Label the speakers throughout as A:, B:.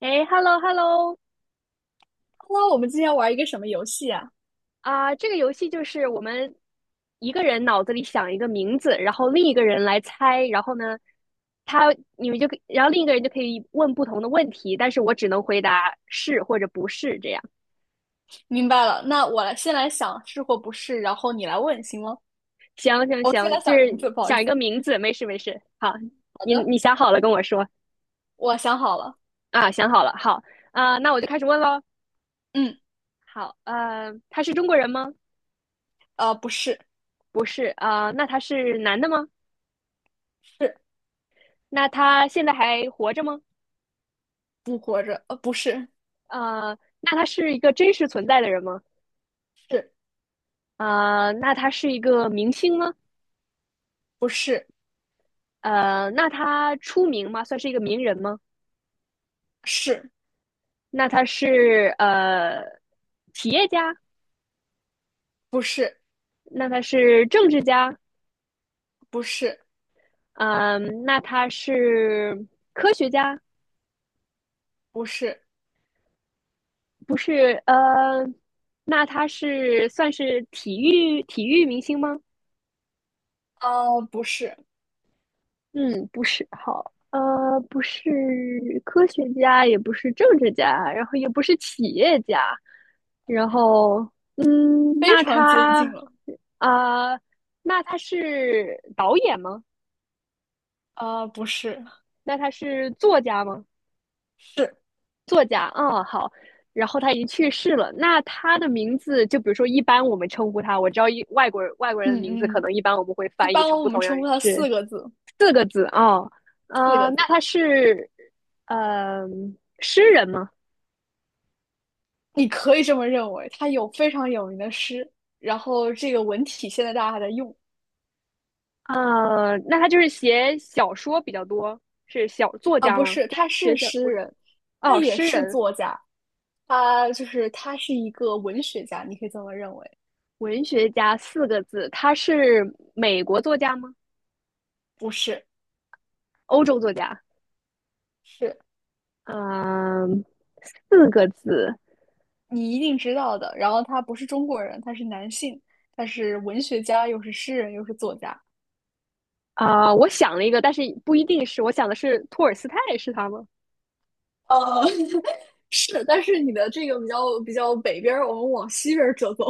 A: 哎，hello hello，
B: 那我们今天玩一个什么游戏啊？
A: 这个游戏就是我们一个人脑子里想一个名字，然后另一个人来猜，然后呢，他你们就可以然后另一个人就可以问不同的问题，但是我只能回答是或者不是这样。
B: 明白了，那先来想是或不是，然后你来问，行吗？
A: 行行
B: 我先来
A: 行，就
B: 想
A: 是
B: 名字，不好意
A: 想一
B: 思。
A: 个名字，没事没事。好，
B: 好
A: 你
B: 的，
A: 你想好了跟我说
B: 我想好了。
A: 啊，想好了，好那我就开始问喽。
B: 嗯。
A: 好，他是中国人吗？
B: 不是。
A: 不是那他是男的吗？
B: 是。
A: 那他现在还活着吗？
B: 不活着，不是。
A: 那他是一个真实存在的人吗？
B: 是。
A: 那他是一个明星吗？
B: 不是。
A: 那他出名吗？算是一个名人吗？
B: 是。
A: 那他是企业家？
B: 不是。
A: 那他是政治家？
B: 不是。
A: 嗯、那他是科学家？
B: 不是。
A: 不是，那他是算是体育明星吗？
B: 不是。
A: 嗯，不是好，呃，不是科学家，也不是政治家，然后也不是企业家，然后，嗯，
B: 非
A: 那
B: 常接
A: 他
B: 近了。
A: 啊、呃那他是导演吗？
B: 啊，不是。
A: 那他是作家吗？
B: 是。
A: 作家，嗯，好，然后他已经去世了。那他的名字，就比如说，一般我们称呼他，我知道一外国人的名字，
B: 嗯
A: 可
B: 嗯，
A: 能一般我们会
B: 一
A: 翻译
B: 般
A: 成
B: 我
A: 不
B: 们
A: 同样
B: 称呼它
A: 是
B: 四个字，
A: 四个字哦，
B: 四个
A: 那
B: 字。
A: 他是呃诗人吗？
B: 你可以这么认为，他有非常有名的诗，然后这个文体现在大家还在用。
A: 那他就是写小说比较多，是小作
B: 啊，
A: 家
B: 不
A: 吗？
B: 是，
A: 就是
B: 他
A: 写
B: 是
A: 小
B: 诗
A: 不是
B: 人。他
A: 哦，
B: 也
A: 诗
B: 是
A: 人、
B: 作家，他是一个文学家，你可以这么认为。
A: 文学家四个字，他是美国作家吗？
B: 不是。
A: 欧洲作家？
B: 是。
A: 嗯、四个字
B: 你一定知道的。然后他不是中国人，他是男性，他是文学家，又是诗人，又是作家。
A: 我想了一个，但是不一定是，我想的是托尔斯泰是他吗？
B: 呃，是，但是你的这个比较北边儿，我们往西边儿折走。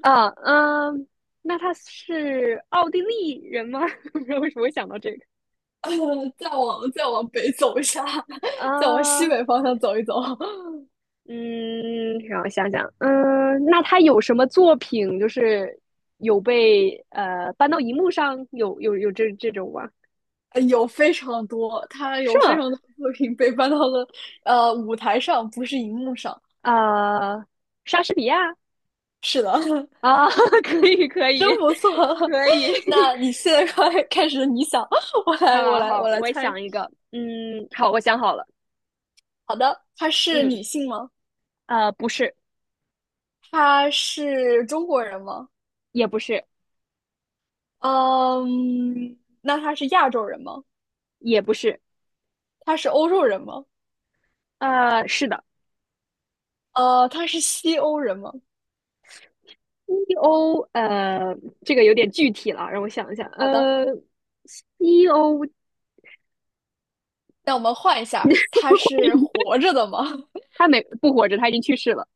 A: 啊，嗯，那他是奥地利人吗？不知道为什么会想到这个。
B: 呃，再往北走一下。再往西
A: 啊，
B: 北方向走一走。
A: 嗯，让我想想，嗯，那他有什么作品就是有被搬到荧幕上，有这种吗？
B: 有非常多，他
A: 是
B: 有非
A: 吗？
B: 常多的作品被搬到了舞台上，不是荧幕上。
A: 呃，莎士比亚
B: 是的。
A: 啊，可以可
B: 真
A: 以
B: 不错。
A: 可以，
B: 那你现在快开始，你想，我
A: 好
B: 来，我
A: 好
B: 来，
A: 好，
B: 我来
A: 我
B: 猜。
A: 想一个，嗯，好，我想好了，
B: 好的，她是
A: 嗯，
B: 女性吗？
A: 不是，
B: 她是中国人吗？
A: 也不是，
B: 嗯，那她是亚洲人吗？
A: 也不是，
B: 她是欧洲人吗？
A: 呃，是的
B: 她是西欧人吗？
A: ，E O，这个有点具体了，让我想一下，
B: 好的，
A: 呃，E O，
B: 那我们换一下，他是活着的吗？
A: 他没不活着，他已经去世了。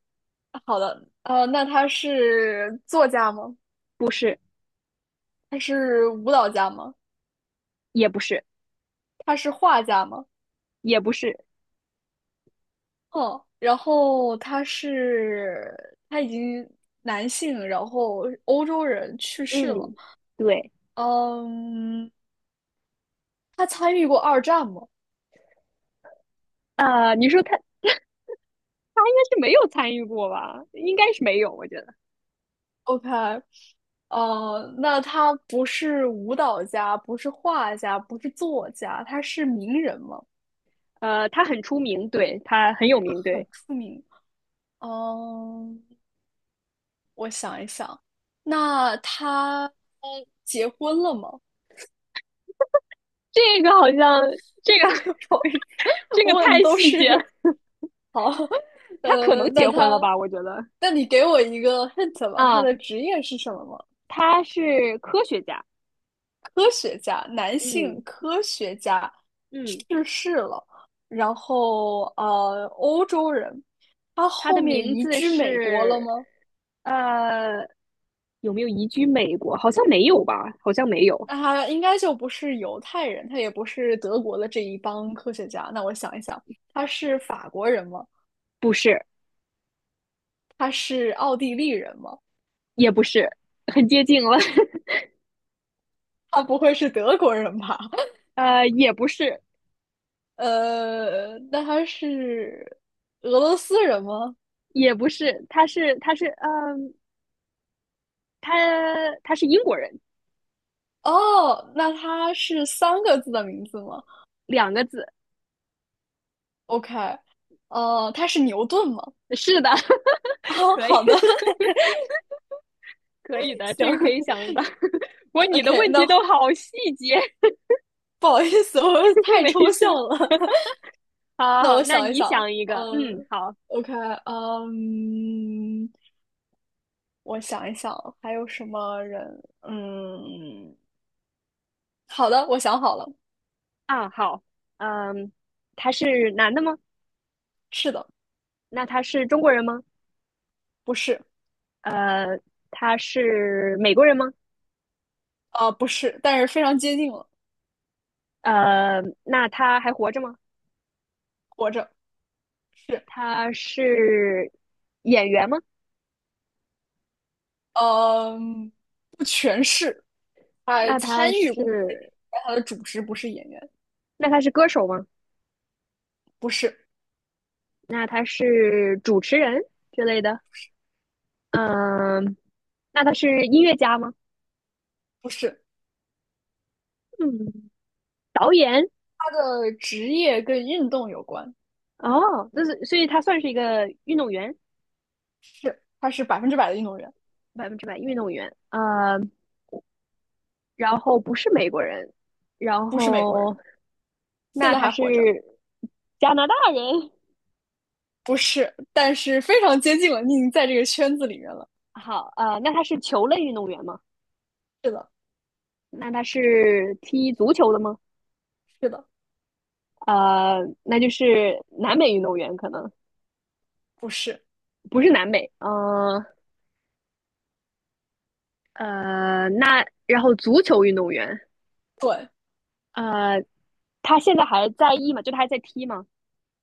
B: 好的，那他是作家吗？
A: 不是，
B: 他是舞蹈家吗？
A: 也不是，
B: 他是画家吗？
A: 也不是，
B: 嗯，然后他已经男性，然后欧洲人去世了。
A: 嗯，对，
B: 嗯，他参与过二战吗
A: 你说他他应该是没有参与过吧？应该是没有，我觉得，
B: ？OK。那他不是舞蹈家，不是画家，不是作家，他是名人吗？
A: 他很出名，对，他很有名，
B: 很
A: 对，
B: 出名。嗯，我想一想，那他结婚了吗？
A: 这个好像这个
B: 不好意思，
A: 这个
B: 问
A: 太
B: 都
A: 细节了
B: 是好。
A: 他可能
B: 呃，那
A: 结婚
B: 他，
A: 了吧？我觉得，
B: 那你给我一个 hint 吧，他
A: 啊，
B: 的职业是什么吗？
A: 他是科学家，
B: 科学家，男
A: 嗯
B: 性科学家，
A: 嗯，
B: 去世了。然后欧洲人，他
A: 他
B: 后
A: 的
B: 面
A: 名
B: 移
A: 字
B: 居美国了
A: 是
B: 吗？
A: 呃，有没有移居美国？好像没有吧？好像没有，
B: 那他应该就不是犹太人，他也不是德国的这一帮科学家。那我想一想，他是法国人吗？
A: 不是，
B: 他是奥地利人吗？
A: 也不是，很接近了，
B: 他不会是德国人吧？
A: 呃，也不是，
B: 那他是俄罗斯人吗？
A: 也不是，他是嗯，他他是英国人，
B: 哦，那他是三个字的名字吗
A: 两个字。
B: ？OK。哦，他是牛顿吗？
A: 是的，
B: 哦，
A: 可以
B: 好的。
A: 可以的，这个可以
B: 行。
A: 想得到。不过你的
B: OK，
A: 问题
B: 那
A: 都好细节，
B: 不好意思。我 太
A: 没
B: 抽
A: 事。
B: 象了。
A: 好好
B: 那
A: 好，
B: 我
A: 那
B: 想一
A: 你
B: 想，
A: 想一个，嗯，
B: 嗯
A: 好
B: ，OK，嗯，我想一想还有什么人？嗯，好的，我想好了。
A: 啊，好，嗯，他是男的吗？
B: 是的。
A: 那他是中国人吗？
B: 不是。
A: 呃，他是美国人吗？
B: 不是，但是非常接近了。
A: 呃，那他还活着吗？
B: 活着。是。
A: 他是演员吗？
B: 嗯，不全是，他
A: 那他
B: 参与过一些电影
A: 是
B: 但他的主职不是演员。
A: 那他是歌手吗？
B: 不是。
A: 那他是主持人之类的，嗯，那他是音乐家吗？
B: 不是。
A: 嗯，导演
B: 他的职业跟运动有关。
A: 哦，那是所以他算是一个运动员，
B: 是，他是百分之百的运动员。
A: 百分之百运动员。呃，然后不是美国人，然
B: 不是美国
A: 后
B: 人，现
A: 那
B: 在
A: 他
B: 还
A: 是
B: 活着。
A: 加拿大人。
B: 不是，但是非常接近了，你已经在这个圈子里面了。
A: 好，那他是球类运动员吗？
B: 是的。
A: 那他是踢足球的吗？
B: 是的。
A: 那就是南美运动员，可能
B: 不是。
A: 不是南美。嗯呃，那然后足球运动员，
B: 对，
A: 呃，他现在还在役吗？就他还在踢吗？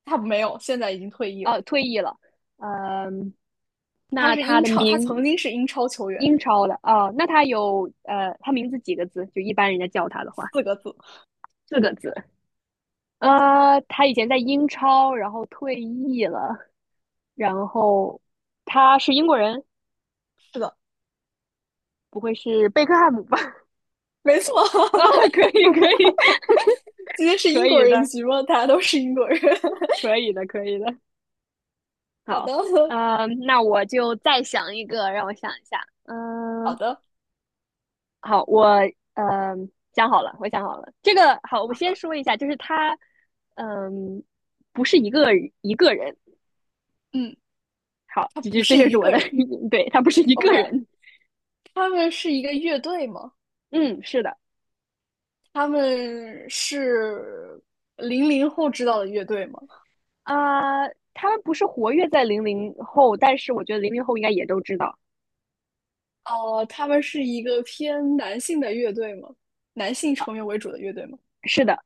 B: 他没有，现在已经退役
A: 呃，
B: 了。
A: 退役了。嗯、
B: 他
A: 那
B: 是
A: 他
B: 英
A: 的
B: 超，他曾
A: 名
B: 经是英超球员。
A: 英超的哦，那他有他名字几个字？就一般人家叫他的话，
B: 四个字。
A: 四个字。呃，他以前在英超，然后退役了，然后他是英国人，
B: 是的。
A: 不会是贝克汉姆吧？
B: 没错。
A: 啊、可以，可以，
B: 今天 是英
A: 可
B: 国
A: 以
B: 人
A: 的，
B: 局吗？大家都是英国人。
A: 可以的，可以的。
B: 好的。
A: 好，那我就再想一个，让我想一下。
B: 好
A: 嗯、
B: 的。
A: 好，我呃想好了，我想好了。这个好，我先说一下，就是他，嗯，不是一个人。
B: 嗯，
A: 好，
B: 他
A: 这
B: 不
A: 这这
B: 是
A: 就是
B: 一
A: 我
B: 个
A: 的
B: 人。
A: 对，他不是一
B: OK,
A: 个人。
B: 他们是一个乐队吗？
A: 嗯，是的，
B: 他们是零零后知道的乐队吗？
A: 啊、他们不是活跃在零零后，但是我觉得零零后应该也都知道。
B: 哦，他们是一个偏男性的乐队吗？男性成员为主的乐队吗？
A: 是的，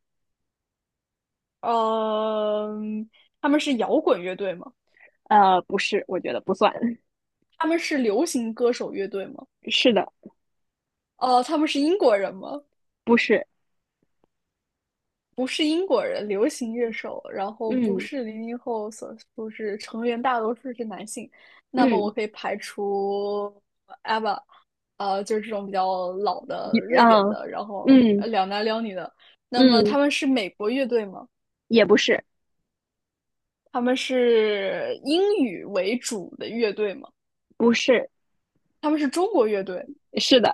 B: 嗯，他们是摇滚乐队吗？
A: 不是，我觉得不算。
B: 他们是流行歌手乐队吗？
A: 是的，
B: 哦，他们是英国人吗？
A: 不是。
B: 不是英国人，流行乐手，然后不
A: 嗯
B: 是零零后，所不是成员大多数是男性，那么我
A: 嗯，
B: 可以排除 AVA。 就是这种比较老
A: 一
B: 的瑞典
A: 嗯
B: 的，然后
A: 嗯
B: 两男两女的。那么他
A: 嗯，
B: 们是美国乐队吗？
A: 也不是，
B: 他们是英语为主的乐队吗？
A: 不是，
B: 他们是中国乐队。
A: 是的，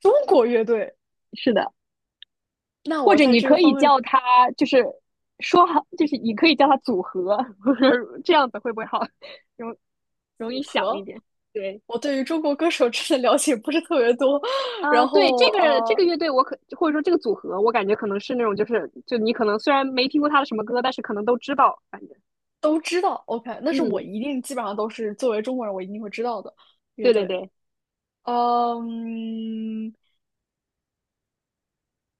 B: 中国乐队。
A: 是的。
B: 那
A: 或
B: 我
A: 者
B: 在
A: 你
B: 这个
A: 可以
B: 方面，
A: 叫他，就是说好，就是你可以叫他组合，这样子会不会好容容易想一点？对
B: 我对于中国歌手真的了解不是特别多。然
A: 对这
B: 后
A: 个这个乐队我可或者说这个组合，我感觉可能是那种就是就你可能虽然没听过他的什么歌，但是可能都知道，反正
B: 都知道。OK，那是我
A: 嗯，
B: 一定基本上都是作为中国人，我一定会知道的乐
A: 对对
B: 队。
A: 对
B: 嗯，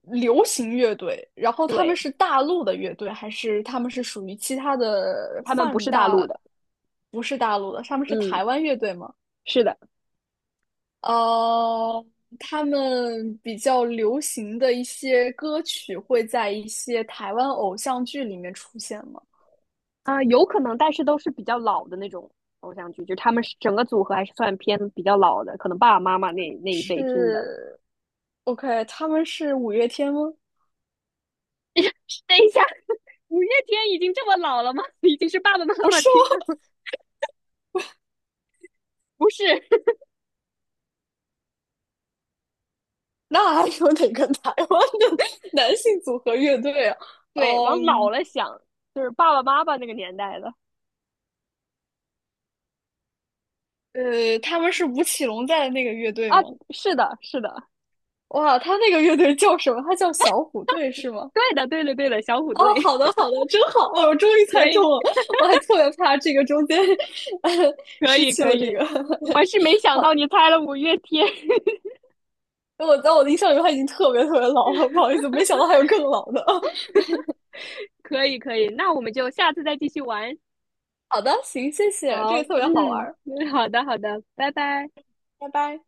B: 流行乐队，然后他们
A: 对，
B: 是大陆的乐队，还是他们是属于其他的
A: 他们不
B: 泛
A: 是大陆
B: 大？
A: 的，
B: 不是大陆的，他们是
A: 嗯，
B: 台湾乐队吗？
A: 是的
B: 呃，他们比较流行的一些歌曲会在一些台湾偶像剧里面出现吗？
A: 呃有可能，但是都是比较老的那种。偶像剧，就是他们是整个组合还是算偏比较老的，可能爸爸妈妈那一辈听的。
B: 是。OK，他们是五月天吗？
A: 等一下，五月天已经这么老了吗？已经是爸爸妈
B: 不
A: 妈
B: 是
A: 听的
B: 吗？
A: 吗不是，
B: 那还有哪个台湾的 男性组合乐队啊？
A: 对，往老
B: 嗯，
A: 了想，就是爸爸妈妈那个年代的
B: 他们是吴奇隆在的那个乐队
A: 啊。
B: 吗？
A: 是的，是的，
B: 哇，他那个乐队叫什么？他叫小虎队是吗？
A: 对的，对的，对的，小虎
B: 哦，
A: 队，
B: 好的好的，真好！哦，我终于 猜
A: 可
B: 中
A: 以，
B: 了，我还特别怕这个中间 呃
A: 可
B: 失
A: 以，
B: 去
A: 可
B: 了这
A: 以。
B: 个。
A: 我 是没想到你猜了五月天，
B: 我在我的印象里，他已经特别特别老了，不好意思，没想到还有更老的。
A: 可以，可以。那我们就下次再继续玩。
B: 好的，行，谢谢，这
A: 好，
B: 个特别好玩
A: 嗯，
B: 儿，
A: 嗯好的，好的，拜拜。
B: 拜拜。